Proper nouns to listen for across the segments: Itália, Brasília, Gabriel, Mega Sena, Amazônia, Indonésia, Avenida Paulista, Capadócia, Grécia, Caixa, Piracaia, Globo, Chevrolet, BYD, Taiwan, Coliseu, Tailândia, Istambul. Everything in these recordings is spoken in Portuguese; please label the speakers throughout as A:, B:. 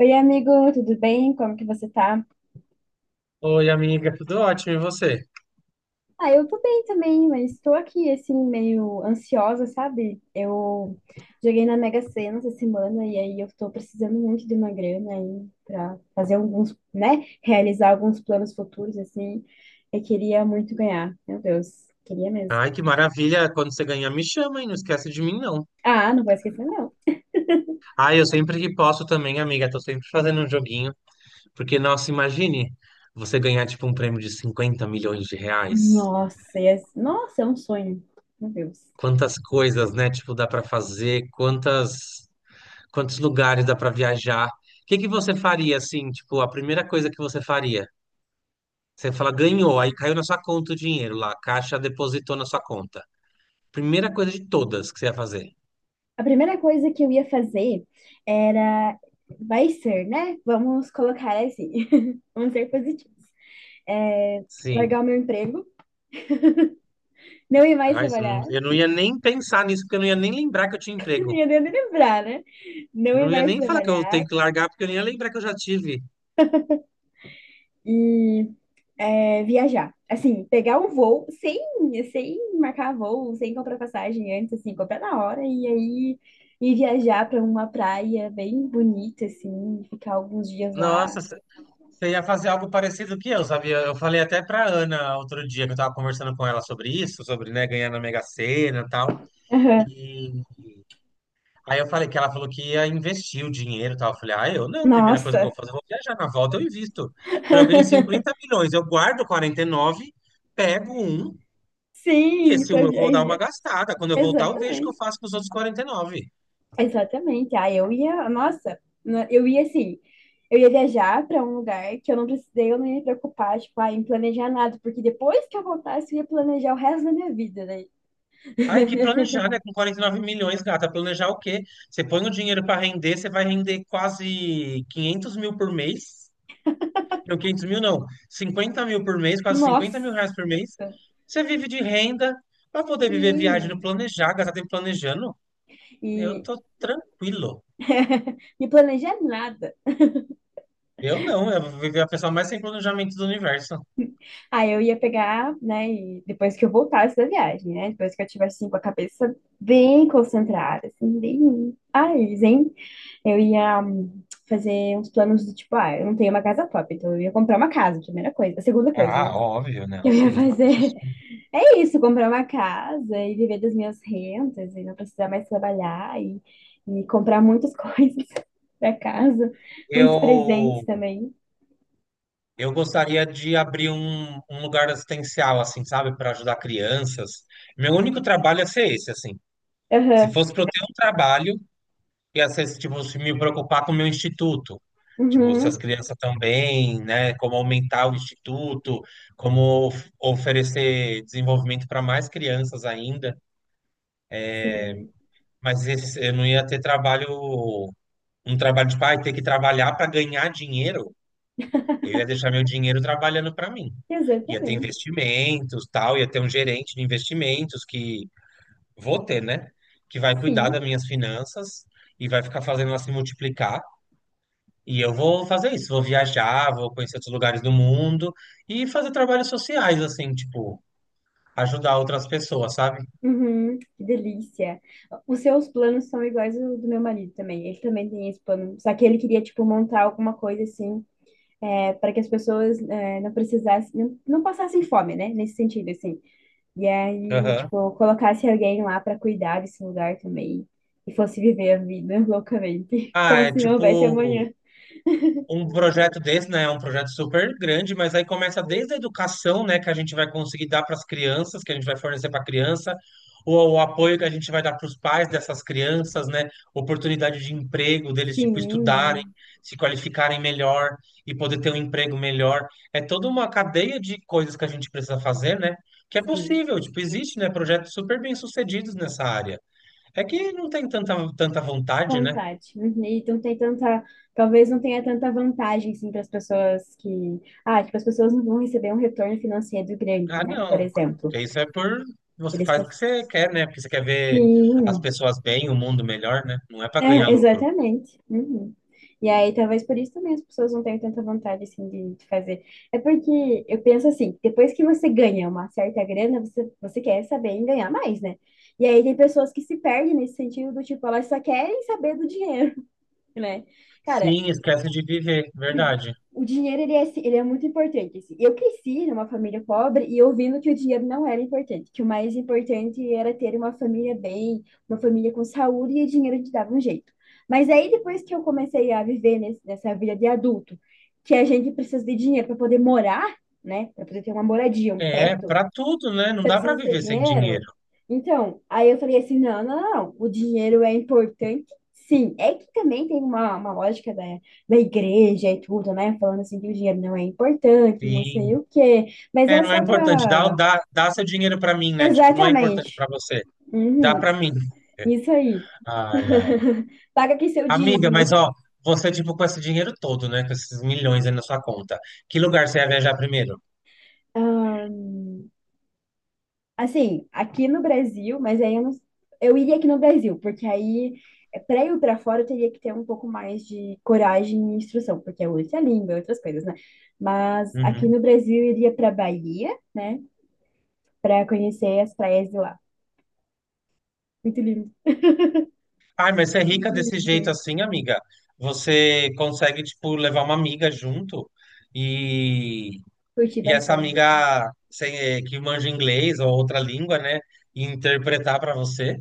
A: Oi, amigo, tudo bem? Como que você tá?
B: Oi, amiga, tudo ótimo, e você?
A: Ah, eu tô bem também, mas estou aqui, assim, meio ansiosa, sabe? Eu joguei na Mega Sena essa semana e aí eu tô precisando muito de uma grana aí pra fazer alguns, né? Realizar alguns planos futuros, assim. Eu queria muito ganhar, meu Deus, queria mesmo.
B: Ai, que maravilha! Quando você ganhar, me chama, hein? Não esquece de mim, não.
A: Ah, não vou esquecer, não.
B: Ai, eu sempre que posso também, amiga, tô sempre fazendo um joguinho. Porque, nossa, imagine você ganhar, tipo, um prêmio de 50 milhões de reais.
A: Nossa, e é, nossa, é um sonho, meu Deus.
B: Quantas coisas, né? Tipo, dá pra fazer, quantos lugares dá pra viajar. O que que você faria, assim, tipo, a primeira coisa que você faria? Você fala, ganhou, aí caiu na sua conta o dinheiro lá, a Caixa depositou na sua conta. Primeira coisa de todas que você ia fazer.
A: A primeira coisa que eu ia fazer era. Vai ser, né? Vamos colocar assim. Vamos ser positivos. É,
B: Sim.
A: largar o meu emprego, não ir mais
B: Ah,
A: trabalhar.
B: eu não ia nem pensar nisso, porque eu não ia nem lembrar que eu tinha
A: Nem
B: emprego.
A: eu devo lembrar, né? Não ir
B: Não ia
A: mais
B: nem falar que eu
A: trabalhar
B: tenho que largar, porque eu nem ia lembrar que eu já tive.
A: e é, viajar. Assim, pegar um voo sem marcar voo, sem comprar passagem antes, assim, comprar na hora e aí ir viajar para uma praia bem bonita, assim, ficar alguns dias lá.
B: Nossa, você ia fazer algo parecido que eu, sabia? Eu falei até pra Ana outro dia, que eu tava conversando com ela sobre isso, sobre, né, ganhar na Mega Sena e tal.
A: Aham.
B: E aí eu falei que ela falou que ia investir o dinheiro e tal. Eu falei, ah, eu não, a primeira coisa que eu
A: Nossa!
B: vou fazer, eu vou viajar na volta, eu invisto. Falei, eu ganho 50 milhões, eu guardo 49, pego um. E
A: Sim,
B: esse um
A: pra
B: eu vou dar uma
A: viajar.
B: gastada. Quando eu voltar, eu vejo o que eu
A: Exatamente.
B: faço com os outros 49.
A: Exatamente. Ah, eu ia, nossa, eu ia assim, eu ia viajar para um lugar que eu não precisei, eu não ia me preocupar, tipo, ah, em planejar nada, porque depois que eu voltasse, eu ia planejar o resto da minha vida, né?
B: Ai, que planejar, né? Com 49 milhões, gata. Planejar o quê? Você põe o dinheiro para render, você vai render quase 500 mil por mês. Não, 500 mil não. 50 mil por mês, quase
A: Nossa,
B: 50 mil reais por mês. Você vive de renda para poder viver viagem no
A: sim.
B: planejar, gastar tempo planejando. Eu
A: E
B: tô tranquilo.
A: me planejar nada.
B: Eu não, eu vou viver a pessoa mais sem planejamento do universo.
A: Aí eu ia pegar, né, e depois que eu voltasse da viagem, né? Depois que eu tivesse assim, com a cabeça bem concentrada, assim, bem, ai, zen. Eu ia fazer uns planos do tipo, ah, eu não tenho uma casa própria, então eu ia comprar uma casa, primeira coisa. A segunda coisa,
B: Ah,
A: né?
B: óbvio,
A: Que
B: não,
A: eu ia
B: sim, isso
A: fazer
B: sim.
A: é isso, comprar uma casa e viver das minhas rentas e não precisar mais trabalhar e comprar muitas coisas pra casa, muitos presentes
B: Eu
A: também.
B: Eu gostaria de abrir um lugar assistencial, assim, sabe, para ajudar crianças. Meu único trabalho ia ser esse, assim. Se
A: Aham.
B: fosse para eu ter um trabalho, ia ser, tipo, se me preocupar com o meu instituto. Tipo, se as
A: Uhum.
B: crianças estão bem, né? Como aumentar o instituto, como oferecer desenvolvimento para mais crianças ainda.
A: Sim,
B: Eu não ia ter trabalho, um trabalho de pai, ter que trabalhar para ganhar dinheiro. Eu ia deixar meu dinheiro trabalhando para mim. Ia ter
A: exatamente.
B: investimentos, tal, ia ter um gerente de investimentos que vou ter, né? Que vai cuidar
A: Sim.
B: das minhas finanças e vai ficar fazendo ela se multiplicar. E eu vou fazer isso, vou viajar, vou conhecer outros lugares do mundo e fazer trabalhos sociais, assim, tipo, ajudar outras pessoas, sabe?
A: Uhum, que delícia. Os seus planos são iguais ao do meu marido também. Ele também tem esse plano. Só que ele queria, tipo, montar alguma coisa assim, é, para que as pessoas é, não precisassem, não, não passassem fome, né? Nesse sentido, assim. E aí,
B: Aham.
A: tipo, colocasse alguém lá para cuidar desse lugar também. E fosse viver a vida loucamente,
B: Ah,
A: como
B: é
A: se não houvesse
B: tipo
A: amanhã.
B: um projeto desse, né, é um projeto super grande, mas aí começa desde a educação, né, que a gente vai conseguir dar para as crianças, que a gente vai fornecer para a criança, ou o apoio que a gente vai dar para os pais dessas crianças, né, oportunidade de emprego deles, tipo, estudarem,
A: Sim,
B: se qualificarem melhor e poder ter um emprego melhor. É toda uma cadeia de coisas que a gente precisa fazer, né, que é
A: sim.
B: possível, tipo, existe, né, projetos super bem-sucedidos nessa área. É que não tem tanta vontade, né?
A: Vontade. Uhum. E não tem tanta, talvez não tenha tanta vantagem assim para as pessoas que, ah, tipo, as pessoas não vão receber um retorno financeiro grande,
B: Ah,
A: né? Por
B: não.
A: exemplo,
B: Porque isso é por. Você
A: eles que
B: faz o que você quer, né? Porque você quer ver as
A: sim,
B: pessoas bem, o mundo melhor, né? Não é pra ganhar
A: é,
B: lucro.
A: exatamente. Uhum. E aí, talvez por isso também as pessoas não tenham tanta vontade assim de fazer. É porque eu penso assim, depois que você ganha uma certa grana, você quer saber em ganhar mais, né? E aí tem pessoas que se perdem nesse sentido do tipo, elas só querem saber do dinheiro, né? Cara,
B: Sim, esquece de viver, verdade.
A: o dinheiro, ele é, assim, ele é muito importante, assim. Eu cresci numa família pobre e ouvindo que o dinheiro não era importante, que o mais importante era ter uma família bem, uma família com saúde e o dinheiro te dava um jeito. Mas aí, depois que eu comecei a viver nessa vida de adulto, que a gente precisa de dinheiro para poder morar, né, para poder ter uma moradia, um
B: É,
A: teto,
B: pra tudo, né? Não
A: você
B: dá pra
A: precisa ter
B: viver sem
A: dinheiro?
B: dinheiro.
A: Então, aí eu falei assim, não, não, não, não. O dinheiro é importante, sim. É que também tem uma lógica da igreja e tudo, né? Falando assim que o dinheiro não é importante, não sei
B: Sim.
A: o quê. Mas
B: É,
A: é
B: não é
A: só
B: importante.
A: pra...
B: Dá seu dinheiro pra mim, né? Tipo, não é importante
A: Exatamente.
B: pra você. Dá
A: Uhum,
B: pra mim.
A: isso aí.
B: Ai, ai.
A: Paga aqui seu
B: Amiga,
A: dízimo.
B: mas ó, você, tipo, com esse dinheiro todo, né? Com esses milhões aí na sua conta. Que lugar você ia viajar primeiro?
A: Ah, assim, aqui no Brasil, mas aí eu não, eu iria aqui no Brasil, porque aí é, pra ir pra fora eu teria que ter um pouco mais de coragem e instrução, porque é outra língua, é outras coisas, né? Mas aqui
B: Uhum.
A: no Brasil eu iria pra Bahia, né? Pra conhecer as praias de lá. Muito lindo,
B: Ai, mas você é rica
A: muito
B: desse jeito
A: lindo.
B: assim, amiga. Você consegue, tipo, levar uma amiga junto e,
A: Curti
B: e essa
A: bastante.
B: amiga que manja inglês ou outra língua, né? E interpretar para você.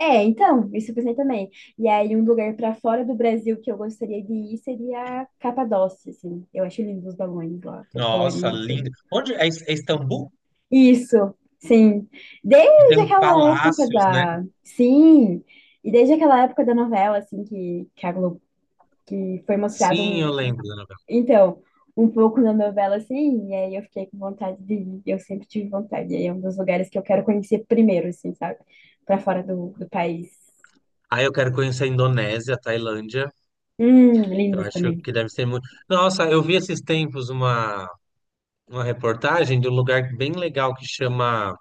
A: É, então, isso eu pensei também. E aí, um lugar pra fora do Brasil que eu gostaria de ir seria a Capadócia, assim. Eu acho lindo os balões lá, todo
B: Nossa,
A: colorido.
B: lindo. Onde é, é Istambul?
A: Isso, sim.
B: E tem
A: Desde
B: uns
A: aquela época
B: palácios, né?
A: da. Sim, e desde aquela época da novela, assim, que a Globo. Que foi mostrado
B: Sim, eu
A: um.
B: lembro da novela.
A: Então, um pouco da novela, assim, e aí eu fiquei com vontade de ir. Eu sempre tive vontade. E aí é um dos lugares que eu quero conhecer primeiro, assim, sabe? Pra fora do país.
B: Ah, eu quero conhecer a Indonésia, a Tailândia. Eu
A: Lindos
B: acho
A: também.
B: que deve ser muito. Nossa, eu vi esses tempos uma reportagem de um lugar bem legal que chama.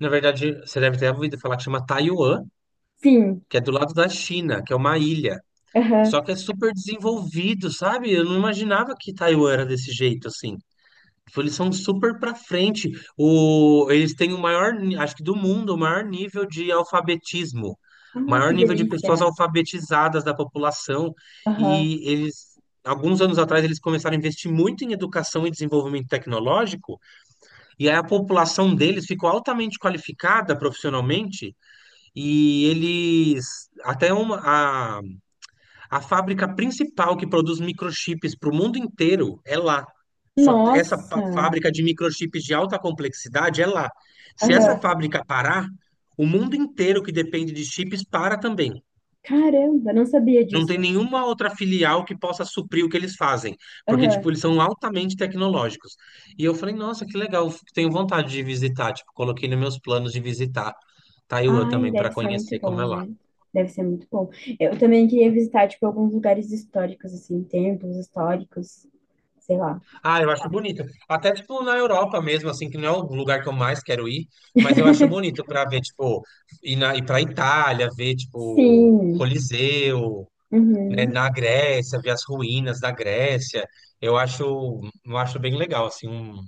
B: Na verdade, você deve ter ouvido falar que chama Taiwan,
A: Sim,
B: que é do lado da China, que é uma ilha.
A: aham.
B: Só que é super desenvolvido, sabe? Eu não imaginava que Taiwan era desse jeito, assim. Tipo, eles são super pra frente. O... Eles têm o maior, acho que do mundo, o maior nível de alfabetismo, o
A: Ai,
B: maior
A: que
B: nível de
A: delícia.
B: pessoas alfabetizadas da população.
A: Aham.
B: E eles, alguns anos atrás, eles começaram a investir muito em educação e desenvolvimento tecnológico. E aí a população deles ficou altamente qualificada profissionalmente e eles, até uma, a fábrica principal que produz microchips para o mundo inteiro é lá. Só essa
A: Nossa,
B: fábrica de microchips de alta complexidade é lá. Se essa
A: aham.
B: fábrica parar, o mundo inteiro que depende de chips para também.
A: Caramba, não sabia
B: Não tem
A: disso.
B: nenhuma outra filial que possa suprir o que eles fazem, porque
A: Aham.
B: tipo, eles são altamente tecnológicos. E eu falei, nossa, que legal, tenho vontade de visitar, tipo, coloquei nos meus planos de visitar Taiwan
A: Ai,
B: também
A: deve
B: para
A: ser muito
B: conhecer como
A: bom,
B: é lá.
A: né? Deve ser muito bom. Eu também queria visitar, tipo, alguns lugares históricos, assim, templos históricos, sei lá.
B: Ah, eu acho bonito. Até, tipo, na Europa mesmo, assim, que não é o lugar que eu mais quero ir, mas eu acho bonito pra ver, tipo, ir pra Itália, ver, tipo,
A: Sim.
B: Coliseu, né,
A: Uhum.
B: na Grécia, ver as ruínas da Grécia. Eu acho, eu acho bem legal, assim, um,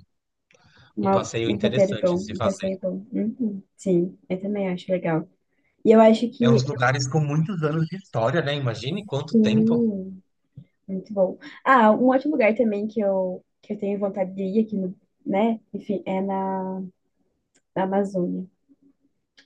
B: um passeio
A: Um roteiro
B: interessante
A: bom,
B: de se
A: um
B: fazer.
A: passeio bom. Uhum. Sim, eu também acho legal. E eu acho
B: É uns
A: que,
B: lugares com muitos anos de história, né? Imagine quanto tempo.
A: sim, muito bom. Ah, um outro lugar também que eu tenho vontade de ir aqui, no, né? Enfim, é na Amazônia.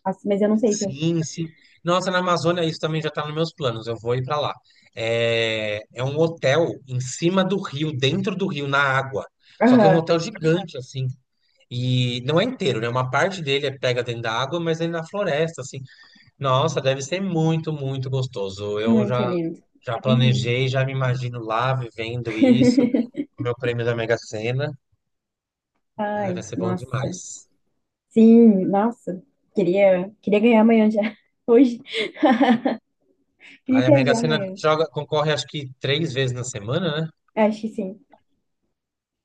A: Nossa, mas eu não sei se eu...
B: Sim. Nossa, na Amazônia isso também já está nos meus planos. Eu vou ir para lá. É, é um hotel em cima do rio, dentro do rio, na água. Só que é um
A: Aham,
B: hotel gigante, assim. E não é inteiro, né? Uma parte dele é pega dentro da água, mas ele na floresta, assim. Nossa, deve ser muito gostoso.
A: muito lindo.
B: Já
A: Uhum.
B: planejei, já me imagino lá vivendo isso. Meu prêmio da Mega Sena. Ai,
A: Ai,
B: vai ser bom
A: nossa.
B: demais.
A: Sim, nossa. Queria ganhar amanhã já. Hoje. Queria
B: Aí a Mega
A: viajar
B: Sena
A: amanhã.
B: joga, concorre acho que três vezes na semana, né?
A: Acho que sim.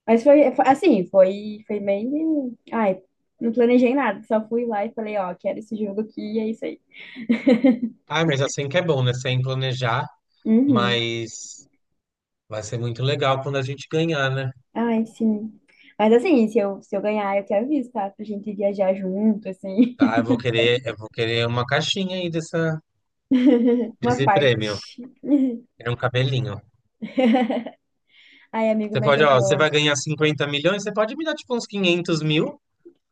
A: Mas assim, foi meio. Ai, não planejei nada. Só fui lá e falei, ó, quero esse jogo aqui e é isso aí.
B: Ah, mas assim que é bom, né? Sem planejar,
A: Uhum.
B: mas vai ser muito legal quando a gente ganhar, né?
A: Ai, sim. Mas assim, se eu ganhar, eu te aviso, tá? Pra gente viajar junto, assim.
B: Ah, eu vou querer uma caixinha aí dessa,
A: Uma
B: desse
A: parte.
B: prêmio. É um cabelinho.
A: Ai, amigo,
B: Você
A: mas
B: pode,
A: eu
B: ó, você vai
A: vou.
B: ganhar 50 milhões, você pode me dar tipo uns 500 mil,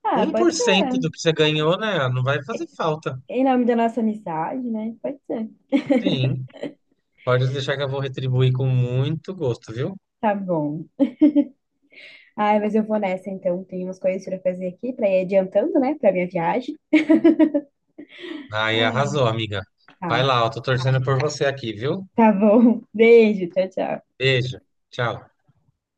A: Ah,
B: um por
A: pode
B: cento
A: ser.
B: do que você ganhou, né? Não vai fazer falta.
A: Em nome da nossa amizade, né? Pode ser.
B: Sim, pode deixar que eu vou retribuir com muito gosto, viu?
A: Tá bom. Ai, mas eu vou nessa então. Tem umas coisas pra fazer aqui, pra ir adiantando, né, pra minha viagem.
B: Aí
A: Ai.
B: arrasou, amiga. Vai
A: Tá,
B: lá, eu tô torcendo por você aqui, viu?
A: tá bom. Beijo, tchau, tchau.
B: Beijo, tchau.